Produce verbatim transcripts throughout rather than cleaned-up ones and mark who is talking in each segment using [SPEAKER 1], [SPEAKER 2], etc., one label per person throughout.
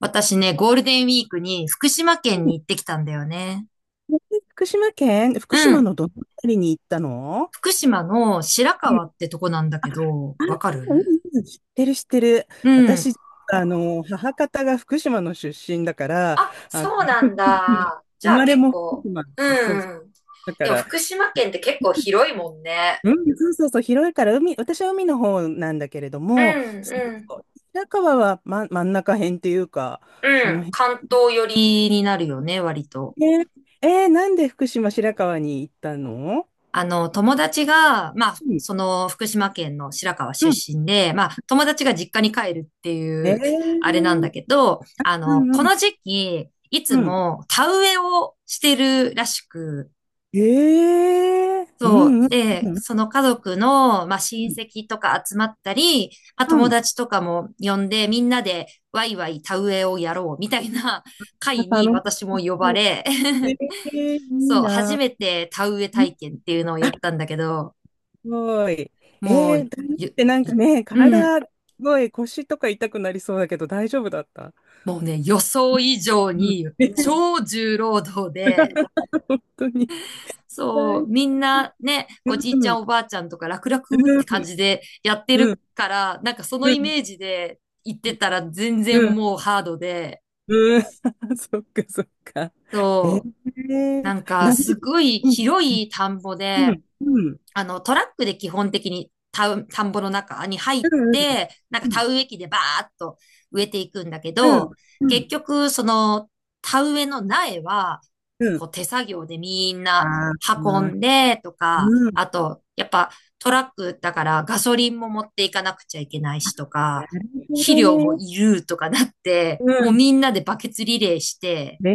[SPEAKER 1] 私ね、ゴールデンウィークに福島県
[SPEAKER 2] うん。
[SPEAKER 1] に行ってきたんだよね。
[SPEAKER 2] 福島県、福
[SPEAKER 1] う
[SPEAKER 2] 島
[SPEAKER 1] ん。
[SPEAKER 2] のどの辺りに行ったの？
[SPEAKER 1] 福島の白
[SPEAKER 2] う
[SPEAKER 1] 川
[SPEAKER 2] ん。
[SPEAKER 1] ってとこなんだ
[SPEAKER 2] あ、
[SPEAKER 1] け
[SPEAKER 2] あ、
[SPEAKER 1] ど、わか
[SPEAKER 2] うん、
[SPEAKER 1] る？
[SPEAKER 2] うん、知ってる、知ってる。
[SPEAKER 1] うん。
[SPEAKER 2] 私、あの、母方が福島の出身だから、
[SPEAKER 1] あ、
[SPEAKER 2] あの、
[SPEAKER 1] そうなん だ。じ
[SPEAKER 2] 生
[SPEAKER 1] ゃあ
[SPEAKER 2] まれ
[SPEAKER 1] 結
[SPEAKER 2] も福
[SPEAKER 1] 構、
[SPEAKER 2] 島、そうそう、
[SPEAKER 1] うん。
[SPEAKER 2] だか
[SPEAKER 1] でも
[SPEAKER 2] ら、
[SPEAKER 1] 福島県って結構広いもんね。
[SPEAKER 2] うん、そうそうそう、広いから、海、私は海の方なんだけれど
[SPEAKER 1] う
[SPEAKER 2] も、
[SPEAKER 1] ん、
[SPEAKER 2] そ
[SPEAKER 1] う
[SPEAKER 2] う
[SPEAKER 1] ん。
[SPEAKER 2] そう。白河は、ま、真ん中辺っていうか、
[SPEAKER 1] う
[SPEAKER 2] その
[SPEAKER 1] ん。
[SPEAKER 2] 辺。
[SPEAKER 1] 関東寄りになるよね、割と。
[SPEAKER 2] ね。えー、なんで福島白河に行ったの？
[SPEAKER 1] あの、友達が、まあ、
[SPEAKER 2] うん。
[SPEAKER 1] その福島県の白河
[SPEAKER 2] う
[SPEAKER 1] 出
[SPEAKER 2] ん。
[SPEAKER 1] 身で、まあ、友達が実家に帰るってい
[SPEAKER 2] え
[SPEAKER 1] う、あ
[SPEAKER 2] ー、
[SPEAKER 1] れなんだけど、あ
[SPEAKER 2] う
[SPEAKER 1] の、
[SPEAKER 2] ん、う
[SPEAKER 1] こ
[SPEAKER 2] ん、
[SPEAKER 1] の時期、いつ
[SPEAKER 2] うん。
[SPEAKER 1] も田植えをしてるらしく、
[SPEAKER 2] ええ、う
[SPEAKER 1] そ
[SPEAKER 2] ん、
[SPEAKER 1] う。
[SPEAKER 2] うん、
[SPEAKER 1] で、
[SPEAKER 2] うん。
[SPEAKER 1] その家族の、まあ、親戚とか集まったり、まあ、
[SPEAKER 2] う
[SPEAKER 1] 友
[SPEAKER 2] ん。
[SPEAKER 1] 達とかも呼んで、みんなでワイワイ田植えをやろうみたいな会
[SPEAKER 2] あ、
[SPEAKER 1] に
[SPEAKER 2] 楽し
[SPEAKER 1] 私も呼ば
[SPEAKER 2] そう。
[SPEAKER 1] れ、
[SPEAKER 2] え え、いい
[SPEAKER 1] そう、初
[SPEAKER 2] な。
[SPEAKER 1] めて田植え
[SPEAKER 2] うん。
[SPEAKER 1] 体験っていうのを
[SPEAKER 2] あ、
[SPEAKER 1] や
[SPEAKER 2] す
[SPEAKER 1] ったんだけど、
[SPEAKER 2] ごい。え
[SPEAKER 1] も
[SPEAKER 2] え、
[SPEAKER 1] う、
[SPEAKER 2] ダンスっ
[SPEAKER 1] ゆ、
[SPEAKER 2] てなんか
[SPEAKER 1] い
[SPEAKER 2] ね、
[SPEAKER 1] うん、
[SPEAKER 2] 体、すごい腰とか痛くなりそうだけど大丈夫だった？
[SPEAKER 1] もうね、予想以上
[SPEAKER 2] う
[SPEAKER 1] に
[SPEAKER 2] ん。ええ、
[SPEAKER 1] 超重労働で、
[SPEAKER 2] 本当に。
[SPEAKER 1] そう、
[SPEAKER 2] 大、
[SPEAKER 1] みんなね、
[SPEAKER 2] う
[SPEAKER 1] おじいちゃん
[SPEAKER 2] ん。
[SPEAKER 1] おばあちゃんとか楽々っ
[SPEAKER 2] う
[SPEAKER 1] て感
[SPEAKER 2] ん。
[SPEAKER 1] じでやって
[SPEAKER 2] う
[SPEAKER 1] る
[SPEAKER 2] ん。
[SPEAKER 1] から、なんかその
[SPEAKER 2] う
[SPEAKER 1] イ
[SPEAKER 2] ん。
[SPEAKER 1] メージで行っ
[SPEAKER 2] う
[SPEAKER 1] てたら全
[SPEAKER 2] ん。う
[SPEAKER 1] 然
[SPEAKER 2] ん。
[SPEAKER 1] もうハードで、
[SPEAKER 2] うん。 そっか、そっか。ええ、
[SPEAKER 1] そう、なんか
[SPEAKER 2] 何
[SPEAKER 1] す
[SPEAKER 2] 時、
[SPEAKER 1] ごい
[SPEAKER 2] うん。
[SPEAKER 1] 広い田んぼ
[SPEAKER 2] う
[SPEAKER 1] で、
[SPEAKER 2] ん。うん。
[SPEAKER 1] あの、トラックで基本的に田う田んぼの中に入っ
[SPEAKER 2] うん。
[SPEAKER 1] て、なんか
[SPEAKER 2] うん。
[SPEAKER 1] 田植え機でバーっと植えていくんだけど、
[SPEAKER 2] う
[SPEAKER 1] 結
[SPEAKER 2] ん。
[SPEAKER 1] 局、その田植えの苗は、
[SPEAKER 2] うん。
[SPEAKER 1] こう手作業でみんな
[SPEAKER 2] ああ、う
[SPEAKER 1] 運ん
[SPEAKER 2] ん。
[SPEAKER 1] でとか、あと、やっぱトラックだからガソリンも持っていかなくちゃいけないしと
[SPEAKER 2] な
[SPEAKER 1] か、
[SPEAKER 2] るほ
[SPEAKER 1] 肥
[SPEAKER 2] ど
[SPEAKER 1] 料も
[SPEAKER 2] ね。
[SPEAKER 1] いるとかなっ
[SPEAKER 2] う
[SPEAKER 1] て、もう
[SPEAKER 2] ん。
[SPEAKER 1] みんなでバケツリレーして、
[SPEAKER 2] ね。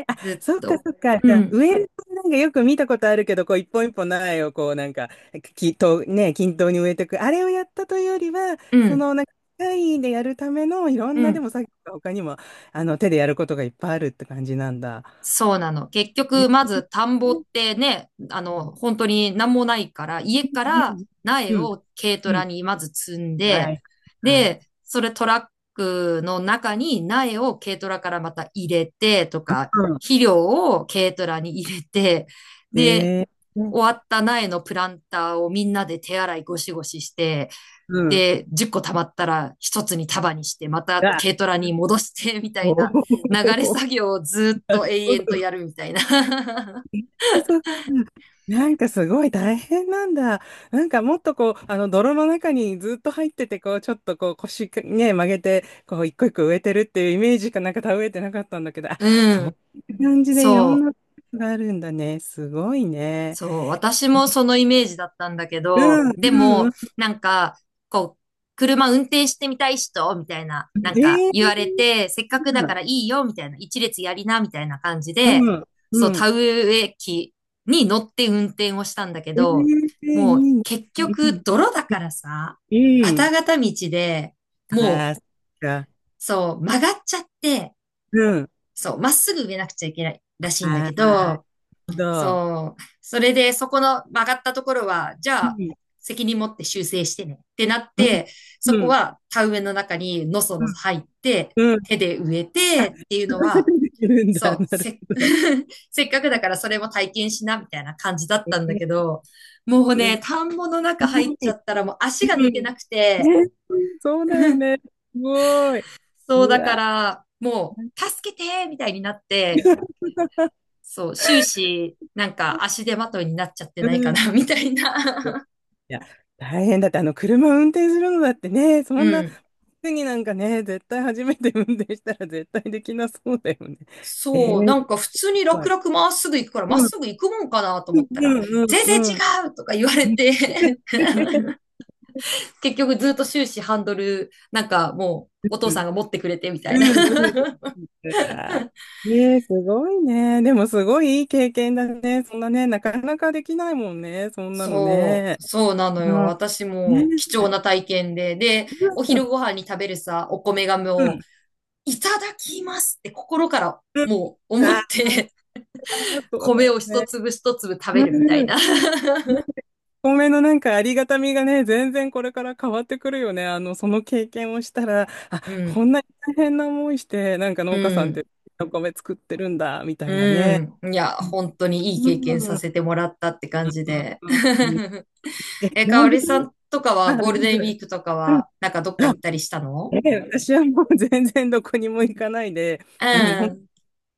[SPEAKER 2] え。あ、
[SPEAKER 1] ずっ
[SPEAKER 2] そっか、
[SPEAKER 1] と。
[SPEAKER 2] そっか。
[SPEAKER 1] う
[SPEAKER 2] じゃあ、
[SPEAKER 1] ん、
[SPEAKER 2] 植えるとなんかよく見たことあるけど、こう一本一本苗をこうなんか、きと、ね、均等に植えていく。あれをやったというよりは、
[SPEAKER 1] う
[SPEAKER 2] そ
[SPEAKER 1] ん、
[SPEAKER 2] のなんか、機械でやるためのいろ
[SPEAKER 1] う
[SPEAKER 2] んなで
[SPEAKER 1] ん。
[SPEAKER 2] も作業が他にも、あの、手でやることがいっぱいあるって感じなんだ。
[SPEAKER 1] そうなの。結
[SPEAKER 2] え、
[SPEAKER 1] 局、まず田んぼっ
[SPEAKER 2] うん。
[SPEAKER 1] てね、あの、本当に何もないから、家から苗
[SPEAKER 2] うん。
[SPEAKER 1] を軽ト
[SPEAKER 2] う
[SPEAKER 1] ラ
[SPEAKER 2] ん。
[SPEAKER 1] にまず積ん
[SPEAKER 2] は
[SPEAKER 1] で、
[SPEAKER 2] い。はい。
[SPEAKER 1] で、それトラックの中に苗を軽トラからまた入れてと
[SPEAKER 2] う
[SPEAKER 1] か、
[SPEAKER 2] ん。
[SPEAKER 1] 肥料を軽トラに入れて、で、
[SPEAKER 2] で、
[SPEAKER 1] 終わった苗のプランターをみんなで手洗いゴシゴシして、
[SPEAKER 2] うん。
[SPEAKER 1] で、じゅっこ溜まったら一つに束にして、また
[SPEAKER 2] あ、
[SPEAKER 1] 軽トラに戻して、みた
[SPEAKER 2] お。
[SPEAKER 1] いな流れ
[SPEAKER 2] お。
[SPEAKER 1] 作業をずっと永
[SPEAKER 2] ほんと。
[SPEAKER 1] 遠とやるみたいな。
[SPEAKER 2] え、そう。なんかすごい大変なんだ。なんかもっとこう、あの泥の中にずっと入ってて、こう、ちょっとこう腰ね、曲げて、こう、一個一個植えてるっていうイメージかなんか植えてなかったんだけど、あ、
[SPEAKER 1] う
[SPEAKER 2] そう
[SPEAKER 1] ん。
[SPEAKER 2] いう感じでいろん
[SPEAKER 1] そう。
[SPEAKER 2] なことがあるんだね。すごいね。
[SPEAKER 1] そう、私もそのイメージだったんだけ
[SPEAKER 2] う
[SPEAKER 1] ど、
[SPEAKER 2] ん、
[SPEAKER 1] で
[SPEAKER 2] うん、う
[SPEAKER 1] も、
[SPEAKER 2] ん。
[SPEAKER 1] なんか、こう、車運転してみたい人、みたいな、なんか
[SPEAKER 2] え
[SPEAKER 1] 言
[SPEAKER 2] ー、
[SPEAKER 1] われて、せっかくだからいいよ、みたいな、一列やりな、みたいな感じで、
[SPEAKER 2] うん、
[SPEAKER 1] そ
[SPEAKER 2] う
[SPEAKER 1] う、
[SPEAKER 2] ん。
[SPEAKER 1] 田植え機に乗って運転をしたんだけ
[SPEAKER 2] えー、
[SPEAKER 1] ど、もう
[SPEAKER 2] いいね。
[SPEAKER 1] 結
[SPEAKER 2] う
[SPEAKER 1] 局、
[SPEAKER 2] ん、
[SPEAKER 1] 泥だからさ、
[SPEAKER 2] う
[SPEAKER 1] ガ
[SPEAKER 2] ん。
[SPEAKER 1] タガタ道で、も
[SPEAKER 2] あ
[SPEAKER 1] う、
[SPEAKER 2] あ、そっか。
[SPEAKER 1] そう、曲がっちゃって、
[SPEAKER 2] うん。
[SPEAKER 1] そう、まっすぐ植えなくちゃいけない
[SPEAKER 2] あ
[SPEAKER 1] らしい
[SPEAKER 2] あ、
[SPEAKER 1] んだ
[SPEAKER 2] なる
[SPEAKER 1] けど、
[SPEAKER 2] ほど。
[SPEAKER 1] そう。それで、そこの曲がったところは、じゃ
[SPEAKER 2] う
[SPEAKER 1] あ、
[SPEAKER 2] ん、
[SPEAKER 1] 責任持って修正してねってなっ
[SPEAKER 2] うん、
[SPEAKER 1] て、そ
[SPEAKER 2] う
[SPEAKER 1] こ
[SPEAKER 2] ん。
[SPEAKER 1] は田植えの中にのそのそ入って、
[SPEAKER 2] うん、
[SPEAKER 1] 手で植え
[SPEAKER 2] あ、
[SPEAKER 1] て
[SPEAKER 2] そ
[SPEAKER 1] っていうの
[SPEAKER 2] こ、そこ
[SPEAKER 1] は、
[SPEAKER 2] 出てるんだ。
[SPEAKER 1] そう、
[SPEAKER 2] なる
[SPEAKER 1] せ、
[SPEAKER 2] ほど。
[SPEAKER 1] せっかくだからそれも体験しなみたいな感じだっ
[SPEAKER 2] え
[SPEAKER 1] たんだ
[SPEAKER 2] ー、
[SPEAKER 1] けど、
[SPEAKER 2] す
[SPEAKER 1] もう
[SPEAKER 2] ごい。
[SPEAKER 1] ね、田んぼの中入っちゃっ
[SPEAKER 2] う
[SPEAKER 1] たらもう足が抜け
[SPEAKER 2] ん。
[SPEAKER 1] なくて、
[SPEAKER 2] ね、そう だよね。すごい。
[SPEAKER 1] そう
[SPEAKER 2] う
[SPEAKER 1] だか
[SPEAKER 2] わ。
[SPEAKER 1] ら、もう、助けてみたいになって、そう、終始、なんか足手まといになっちゃってないか
[SPEAKER 2] うん。
[SPEAKER 1] な、
[SPEAKER 2] い
[SPEAKER 1] みたいな。
[SPEAKER 2] や、大変だって、あの、車運転するのだってね、そ
[SPEAKER 1] う
[SPEAKER 2] んな、
[SPEAKER 1] ん。
[SPEAKER 2] 次なんかね、絶対初めて運転したら絶対できなそうだよね。え
[SPEAKER 1] そう、な
[SPEAKER 2] ー、
[SPEAKER 1] ん
[SPEAKER 2] す
[SPEAKER 1] か普通に
[SPEAKER 2] ご
[SPEAKER 1] 楽
[SPEAKER 2] い。
[SPEAKER 1] 々まっすぐ行くから、まっ
[SPEAKER 2] うん、
[SPEAKER 1] すぐ行くもんかなと思
[SPEAKER 2] う
[SPEAKER 1] った
[SPEAKER 2] ん、
[SPEAKER 1] ら、
[SPEAKER 2] うん、
[SPEAKER 1] 全然違
[SPEAKER 2] うん。
[SPEAKER 1] うとか言われて 結局ずっと終始ハンドル、なんかも
[SPEAKER 2] う
[SPEAKER 1] うお父さ
[SPEAKER 2] ん、
[SPEAKER 1] んが持ってくれてみたいな。
[SPEAKER 2] うん、う ん。ええ、すごいね。でもすごいいい経験だね。そんなね、なかなかできないもんね。そんなの
[SPEAKER 1] そ
[SPEAKER 2] ね。
[SPEAKER 1] う、そうなの
[SPEAKER 2] う
[SPEAKER 1] よ。
[SPEAKER 2] ん、
[SPEAKER 1] 私
[SPEAKER 2] ね、
[SPEAKER 1] も貴重
[SPEAKER 2] え、
[SPEAKER 1] な体験で、で、お
[SPEAKER 2] うん、う
[SPEAKER 1] 昼ご飯に食べるさ、お米がもう、
[SPEAKER 2] ん、
[SPEAKER 1] いただきますって心から
[SPEAKER 2] うん、
[SPEAKER 1] もう思
[SPEAKER 2] あ
[SPEAKER 1] って
[SPEAKER 2] ー、そうだ
[SPEAKER 1] 米
[SPEAKER 2] よ
[SPEAKER 1] を一
[SPEAKER 2] ね。
[SPEAKER 1] 粒一粒食べ
[SPEAKER 2] う
[SPEAKER 1] るみたい
[SPEAKER 2] ん。
[SPEAKER 1] な。
[SPEAKER 2] お米のなんかありがたみがね、全然これから変わってくるよね。あの、その経験をしたら、あ、
[SPEAKER 1] うん、
[SPEAKER 2] こんなに大変な思いして、なんか
[SPEAKER 1] う
[SPEAKER 2] 農家さんっ
[SPEAKER 1] ん、
[SPEAKER 2] てお米作ってるんだ、みたいなね。
[SPEAKER 1] うん。いや、本当にいい
[SPEAKER 2] う
[SPEAKER 1] 経験
[SPEAKER 2] ん。う
[SPEAKER 1] させ
[SPEAKER 2] ん。
[SPEAKER 1] てもらったって感じで。
[SPEAKER 2] え、
[SPEAKER 1] え、かお
[SPEAKER 2] 何時
[SPEAKER 1] りさ
[SPEAKER 2] 間。
[SPEAKER 1] んとか
[SPEAKER 2] あ、
[SPEAKER 1] はゴ
[SPEAKER 2] う
[SPEAKER 1] ール
[SPEAKER 2] ん、
[SPEAKER 1] デンウィークとか
[SPEAKER 2] うん。
[SPEAKER 1] は、なんかどっか
[SPEAKER 2] あ、
[SPEAKER 1] 行ったりしたの？
[SPEAKER 2] ええ、私はもう全然どこにも行かないで、
[SPEAKER 1] う
[SPEAKER 2] うん、本
[SPEAKER 1] ん。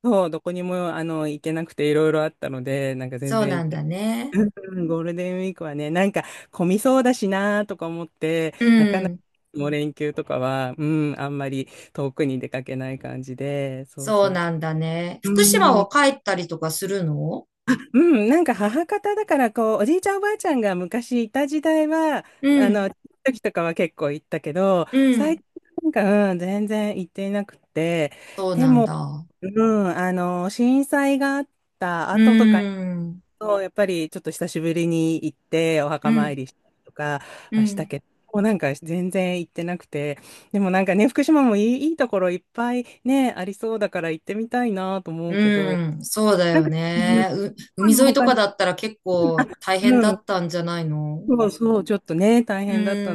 [SPEAKER 2] 当、どこにもあの行けなくていろいろあったので、なんか全
[SPEAKER 1] そう
[SPEAKER 2] 然
[SPEAKER 1] な
[SPEAKER 2] 行っ
[SPEAKER 1] んだ
[SPEAKER 2] て、
[SPEAKER 1] ね。
[SPEAKER 2] うん、ゴールデンウィークはね、なんか混みそうだしなとか思って、
[SPEAKER 1] う
[SPEAKER 2] なかなか
[SPEAKER 1] ん。
[SPEAKER 2] もう連休とかは、うん、あんまり遠くに出かけない感じで、そう
[SPEAKER 1] そう
[SPEAKER 2] そう
[SPEAKER 1] な
[SPEAKER 2] そう。
[SPEAKER 1] んだね。福島は帰ったりとかするの？
[SPEAKER 2] うん、なんか母方だからこうおじいちゃんおばあちゃんが昔いた時代は、
[SPEAKER 1] う
[SPEAKER 2] あ
[SPEAKER 1] ん。
[SPEAKER 2] の時とかは結構行ったけど、
[SPEAKER 1] う
[SPEAKER 2] 最
[SPEAKER 1] ん。
[SPEAKER 2] 近なんか、うん、全然行っていなくて、
[SPEAKER 1] そう
[SPEAKER 2] で
[SPEAKER 1] なん
[SPEAKER 2] も、
[SPEAKER 1] だ。
[SPEAKER 2] うん、あの震災があった
[SPEAKER 1] う
[SPEAKER 2] 後とか、
[SPEAKER 1] ん。
[SPEAKER 2] そうやっぱりちょっと久しぶりに行ってお
[SPEAKER 1] う
[SPEAKER 2] 墓参
[SPEAKER 1] ん。
[SPEAKER 2] りしたりとか
[SPEAKER 1] う
[SPEAKER 2] はした
[SPEAKER 1] ん。
[SPEAKER 2] けど、もうなんか全然行ってなくて、でもなんかね、福島もいい、いいところいっぱいね、ありそうだから行ってみたいなと思うけ
[SPEAKER 1] う
[SPEAKER 2] ど、
[SPEAKER 1] ん、そうだ
[SPEAKER 2] なん
[SPEAKER 1] よ
[SPEAKER 2] か、うん、
[SPEAKER 1] ね。う、海沿いと
[SPEAKER 2] 他、
[SPEAKER 1] かだったら結構大
[SPEAKER 2] う
[SPEAKER 1] 変だ
[SPEAKER 2] ん。
[SPEAKER 1] ったんじゃないの？
[SPEAKER 2] そうそう、ちょっとね、大
[SPEAKER 1] う
[SPEAKER 2] 変だった。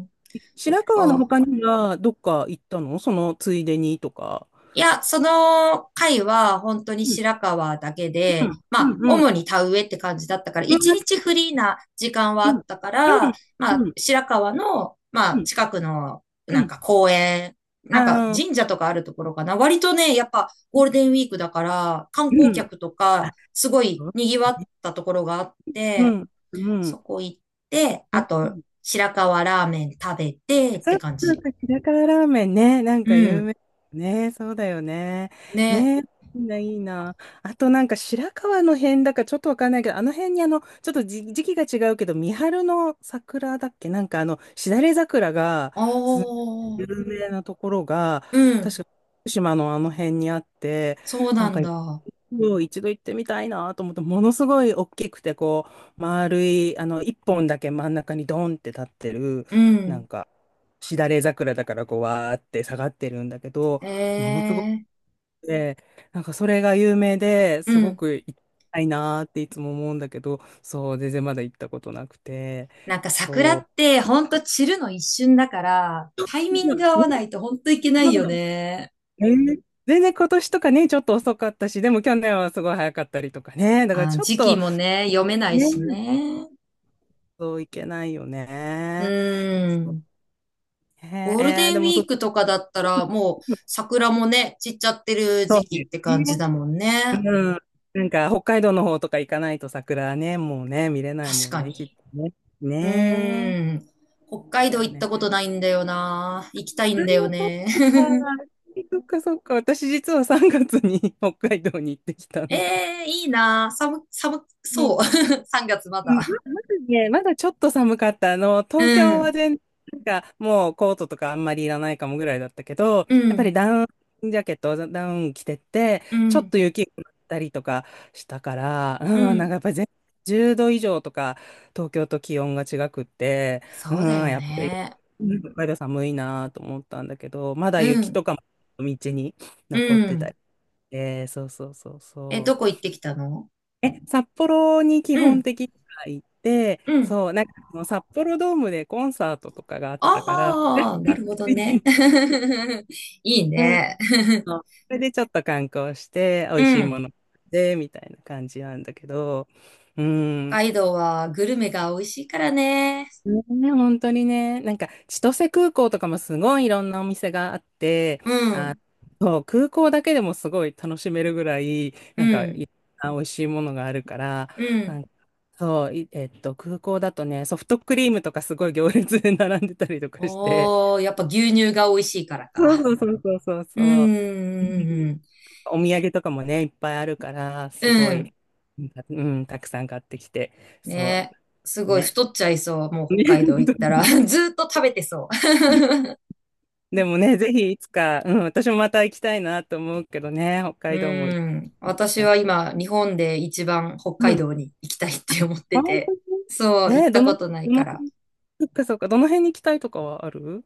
[SPEAKER 1] ん、そ
[SPEAKER 2] 白
[SPEAKER 1] っ
[SPEAKER 2] 川の
[SPEAKER 1] か。
[SPEAKER 2] 他にはどっか行ったの？そのついでにとか。
[SPEAKER 1] いや、その回は本当に
[SPEAKER 2] うん、
[SPEAKER 1] 白川だけ
[SPEAKER 2] う
[SPEAKER 1] で、
[SPEAKER 2] ん、
[SPEAKER 1] まあ、
[SPEAKER 2] うん、うん。
[SPEAKER 1] 主に田植えって感じだったから、
[SPEAKER 2] うん、
[SPEAKER 1] 一日フリーな時間は
[SPEAKER 2] う
[SPEAKER 1] あっ
[SPEAKER 2] ん、
[SPEAKER 1] たから、ま
[SPEAKER 2] う
[SPEAKER 1] あ、
[SPEAKER 2] ん、
[SPEAKER 1] 白川の、ま
[SPEAKER 2] う
[SPEAKER 1] あ、
[SPEAKER 2] ん、
[SPEAKER 1] 近くの、
[SPEAKER 2] う
[SPEAKER 1] なん
[SPEAKER 2] ん。
[SPEAKER 1] か公園、なんか
[SPEAKER 2] あ
[SPEAKER 1] 神
[SPEAKER 2] あ、
[SPEAKER 1] 社とかあるところかな。割とね、やっぱゴールデンウィークだから、観
[SPEAKER 2] う
[SPEAKER 1] 光
[SPEAKER 2] ん。
[SPEAKER 1] 客と
[SPEAKER 2] あ、
[SPEAKER 1] か、すごい
[SPEAKER 2] そう。
[SPEAKER 1] 賑わったところがあっ
[SPEAKER 2] う
[SPEAKER 1] て、
[SPEAKER 2] ん、う
[SPEAKER 1] そ
[SPEAKER 2] ん、
[SPEAKER 1] こ行って、
[SPEAKER 2] う
[SPEAKER 1] あ
[SPEAKER 2] ん。
[SPEAKER 1] と、白川ラーメン食べてっ
[SPEAKER 2] そ
[SPEAKER 1] て
[SPEAKER 2] う
[SPEAKER 1] 感
[SPEAKER 2] そう
[SPEAKER 1] じ。
[SPEAKER 2] そう、ひらからラーメンね、なん
[SPEAKER 1] う
[SPEAKER 2] か有
[SPEAKER 1] ん。
[SPEAKER 2] 名ね、そうだよね。
[SPEAKER 1] ね。
[SPEAKER 2] ね、いいな、いいな。あとなんか白河の辺だかちょっとわかんないけど、あの辺にあの、ちょっとじ時期が違うけど、三春の桜だっけなんかあの、しだれ桜が、
[SPEAKER 1] あ
[SPEAKER 2] す有
[SPEAKER 1] あ。
[SPEAKER 2] 名なところが、
[SPEAKER 1] うん。
[SPEAKER 2] 確か福島のあの辺にあって、
[SPEAKER 1] そう
[SPEAKER 2] な
[SPEAKER 1] な
[SPEAKER 2] ん
[SPEAKER 1] ん
[SPEAKER 2] か
[SPEAKER 1] だ。
[SPEAKER 2] もう一度行ってみたいなと思って、ものすごい大きくて、こう、丸い、あの、一本だけ真ん中にドンって立ってる、
[SPEAKER 1] う
[SPEAKER 2] な
[SPEAKER 1] ん。
[SPEAKER 2] んか、しだれ桜だから、こう、わーって下がってるんだけど、ものすごく
[SPEAKER 1] ええ、
[SPEAKER 2] て、なんかそれが有名で
[SPEAKER 1] う
[SPEAKER 2] すご
[SPEAKER 1] ん。
[SPEAKER 2] く行きたいなーっていつも思うんだけど、そう、全然まだ行ったことなくて、
[SPEAKER 1] なんか桜っ
[SPEAKER 2] そ
[SPEAKER 1] てほんと散るの一瞬だから、タイミング合わな
[SPEAKER 2] う。
[SPEAKER 1] いとほんといけないよね。
[SPEAKER 2] ね。えー、全然今年とかね、ちょっと遅かったし、でも去年はすごい早かったりとかね、だから
[SPEAKER 1] あ、
[SPEAKER 2] ちょっ
[SPEAKER 1] 時期
[SPEAKER 2] と、
[SPEAKER 1] もね、読めない
[SPEAKER 2] ね、
[SPEAKER 1] しね。
[SPEAKER 2] そういけないよ
[SPEAKER 1] う
[SPEAKER 2] ね。そう、
[SPEAKER 1] ん。
[SPEAKER 2] ね。
[SPEAKER 1] ゴール
[SPEAKER 2] え
[SPEAKER 1] デ
[SPEAKER 2] ー、
[SPEAKER 1] ン
[SPEAKER 2] で
[SPEAKER 1] ウ
[SPEAKER 2] も
[SPEAKER 1] ィー
[SPEAKER 2] そ、
[SPEAKER 1] クとかだったらもう桜もね、散っちゃってる
[SPEAKER 2] そう
[SPEAKER 1] 時期
[SPEAKER 2] で
[SPEAKER 1] っ
[SPEAKER 2] す
[SPEAKER 1] て感じ
[SPEAKER 2] ね。
[SPEAKER 1] だもんね。
[SPEAKER 2] うん。なんか、北海道の方とか行かないと桜ね、もうね、見れない
[SPEAKER 1] 確
[SPEAKER 2] もん
[SPEAKER 1] か
[SPEAKER 2] ね、きっと
[SPEAKER 1] に。
[SPEAKER 2] ね。
[SPEAKER 1] う
[SPEAKER 2] ね。
[SPEAKER 1] ーん。北海
[SPEAKER 2] え。だ
[SPEAKER 1] 道
[SPEAKER 2] よ
[SPEAKER 1] 行った
[SPEAKER 2] ね。
[SPEAKER 1] ことないんだよな。行きたい
[SPEAKER 2] あ
[SPEAKER 1] ん
[SPEAKER 2] ー、
[SPEAKER 1] だよ
[SPEAKER 2] そっ
[SPEAKER 1] ね。
[SPEAKER 2] か。そっか、そっか。私実はさんがつに北海道に行ってきた
[SPEAKER 1] え
[SPEAKER 2] んだ。
[SPEAKER 1] えー、いいな。寒、寒
[SPEAKER 2] うん。
[SPEAKER 1] そう。さんがつま
[SPEAKER 2] う
[SPEAKER 1] だ。
[SPEAKER 2] ん、ま、まずね、まだちょっと寒かった。あの、
[SPEAKER 1] う
[SPEAKER 2] 東京
[SPEAKER 1] ん、
[SPEAKER 2] は全然、なんかもうコートとかあんまりいらないかもぐらいだったけど、
[SPEAKER 1] う
[SPEAKER 2] やっぱり
[SPEAKER 1] ん、
[SPEAKER 2] ダウンジャケット、ダウン着てって、
[SPEAKER 1] う
[SPEAKER 2] ちょっ
[SPEAKER 1] ん、
[SPEAKER 2] と雪が降ったりとかしたから、
[SPEAKER 1] う
[SPEAKER 2] うん、なん
[SPEAKER 1] ん。
[SPEAKER 2] かやっぱり全じゅうど以上とか、東京と気温が違くって、う
[SPEAKER 1] そうだ
[SPEAKER 2] ん、
[SPEAKER 1] よ
[SPEAKER 2] やっぱり、
[SPEAKER 1] ね。
[SPEAKER 2] うん、北海道寒いなと思ったんだけど、まだ
[SPEAKER 1] う
[SPEAKER 2] 雪
[SPEAKER 1] ん、
[SPEAKER 2] とかも道に
[SPEAKER 1] う
[SPEAKER 2] 残ってた
[SPEAKER 1] ん。
[SPEAKER 2] りして、そうそうそう
[SPEAKER 1] え、ど
[SPEAKER 2] そう。
[SPEAKER 1] こ行ってきたの？
[SPEAKER 2] え、札幌に基
[SPEAKER 1] う
[SPEAKER 2] 本
[SPEAKER 1] ん、
[SPEAKER 2] 的には行って、
[SPEAKER 1] うん。
[SPEAKER 2] そう、なんかその札幌ドームでコンサートとかがあったから、
[SPEAKER 1] ああ、なるほどね。いい
[SPEAKER 2] うん、
[SPEAKER 1] ね。
[SPEAKER 2] それでちょっと観光して、美
[SPEAKER 1] う
[SPEAKER 2] 味しい
[SPEAKER 1] ん。
[SPEAKER 2] もので、みたいな感じなんだけど、う
[SPEAKER 1] 北
[SPEAKER 2] ん、
[SPEAKER 1] 海道はグルメが美味しいからね。
[SPEAKER 2] ね、本当にね、なんか千歳空港とかもすごいいろんなお店があって、
[SPEAKER 1] う
[SPEAKER 2] あ、
[SPEAKER 1] ん、
[SPEAKER 2] そう空港だけでもすごい楽しめるぐらい、
[SPEAKER 1] う
[SPEAKER 2] なんか
[SPEAKER 1] ん、
[SPEAKER 2] いろんな美味しいものがあるから、
[SPEAKER 1] う
[SPEAKER 2] な
[SPEAKER 1] ん。
[SPEAKER 2] んかそう、いえっと、空港だとね、ソフトクリームとかすごい行列で並んでたりとかして、
[SPEAKER 1] おー、やっぱ牛乳が美味しいから
[SPEAKER 2] そう
[SPEAKER 1] か。
[SPEAKER 2] そうそうそう
[SPEAKER 1] うん、
[SPEAKER 2] そう、うん、
[SPEAKER 1] うん、
[SPEAKER 2] お土産とかもね、いっぱいあるから、
[SPEAKER 1] う
[SPEAKER 2] すご
[SPEAKER 1] ん。う
[SPEAKER 2] い、
[SPEAKER 1] ん。
[SPEAKER 2] うん、たくさん買ってきて、そ
[SPEAKER 1] ね、す
[SPEAKER 2] う、
[SPEAKER 1] ごい
[SPEAKER 2] ね。
[SPEAKER 1] 太っちゃいそう。もう 北
[SPEAKER 2] ね、
[SPEAKER 1] 海道
[SPEAKER 2] 本
[SPEAKER 1] 行っ
[SPEAKER 2] 当
[SPEAKER 1] たら。
[SPEAKER 2] に、
[SPEAKER 1] ずーっと食べてそう。
[SPEAKER 2] でもね、ぜひいつか、うん、私もまた行きたいなと思うけどね、北 海道も行
[SPEAKER 1] う
[SPEAKER 2] き
[SPEAKER 1] ん。私
[SPEAKER 2] たいな。
[SPEAKER 1] は今、日本で一番北
[SPEAKER 2] う
[SPEAKER 1] 海
[SPEAKER 2] ん。
[SPEAKER 1] 道に行きたいって思って
[SPEAKER 2] あ、本当
[SPEAKER 1] て。
[SPEAKER 2] に。
[SPEAKER 1] そう、行
[SPEAKER 2] え
[SPEAKER 1] っ
[SPEAKER 2] ー、ど
[SPEAKER 1] た
[SPEAKER 2] の、
[SPEAKER 1] ことない
[SPEAKER 2] ど
[SPEAKER 1] か
[SPEAKER 2] の、
[SPEAKER 1] ら。
[SPEAKER 2] そっか、そっか、どの辺に行きたいとかはある？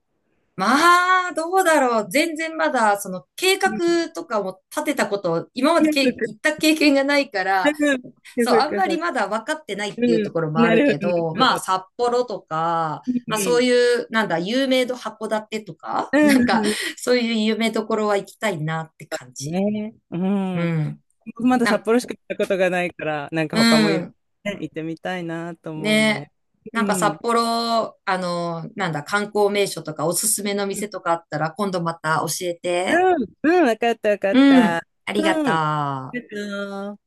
[SPEAKER 1] まあ、どうだろう。全然まだ、その計
[SPEAKER 2] うん、
[SPEAKER 1] 画とかも立てたこと、今ま
[SPEAKER 2] い
[SPEAKER 1] で
[SPEAKER 2] や、そっ
[SPEAKER 1] け、
[SPEAKER 2] か、
[SPEAKER 1] 行った経験がないか
[SPEAKER 2] う
[SPEAKER 1] ら、
[SPEAKER 2] ん、いや、
[SPEAKER 1] そう、
[SPEAKER 2] そっ
[SPEAKER 1] あん
[SPEAKER 2] か、
[SPEAKER 1] ま
[SPEAKER 2] そ
[SPEAKER 1] り
[SPEAKER 2] っか、
[SPEAKER 1] まだ分かってないっ
[SPEAKER 2] う
[SPEAKER 1] ていうと
[SPEAKER 2] ん、
[SPEAKER 1] ころもあ
[SPEAKER 2] な
[SPEAKER 1] る
[SPEAKER 2] るほ
[SPEAKER 1] け
[SPEAKER 2] ど、な
[SPEAKER 1] ど、
[SPEAKER 2] る
[SPEAKER 1] ま
[SPEAKER 2] ほ
[SPEAKER 1] あ、
[SPEAKER 2] ど。
[SPEAKER 1] 札幌とか、
[SPEAKER 2] うん、
[SPEAKER 1] まあ、
[SPEAKER 2] う
[SPEAKER 1] そ
[SPEAKER 2] ん、
[SPEAKER 1] ういう、なんだ、有名度函館とか、
[SPEAKER 2] う
[SPEAKER 1] なんか、
[SPEAKER 2] ん、
[SPEAKER 1] そういう有名どころは行きたいなって感じ。
[SPEAKER 2] ね、う
[SPEAKER 1] う
[SPEAKER 2] ん。
[SPEAKER 1] ん。
[SPEAKER 2] まだ
[SPEAKER 1] な
[SPEAKER 2] 札
[SPEAKER 1] ん、
[SPEAKER 2] 幌しか行ったことがないから、なんか
[SPEAKER 1] う
[SPEAKER 2] 他もいろ
[SPEAKER 1] ん。
[SPEAKER 2] いろね行ってみたいなと思う
[SPEAKER 1] ね。
[SPEAKER 2] ね。
[SPEAKER 1] なん
[SPEAKER 2] う
[SPEAKER 1] か札
[SPEAKER 2] ん。
[SPEAKER 1] 幌、あの、なんだ、観光名所とかおすすめの
[SPEAKER 2] う
[SPEAKER 1] 店
[SPEAKER 2] ん、
[SPEAKER 1] とかあったら、今度また教えて。
[SPEAKER 2] うん、わかった、わかっ
[SPEAKER 1] うん。
[SPEAKER 2] た。
[SPEAKER 1] あり
[SPEAKER 2] う
[SPEAKER 1] がと
[SPEAKER 2] ん。あり
[SPEAKER 1] う。
[SPEAKER 2] がとう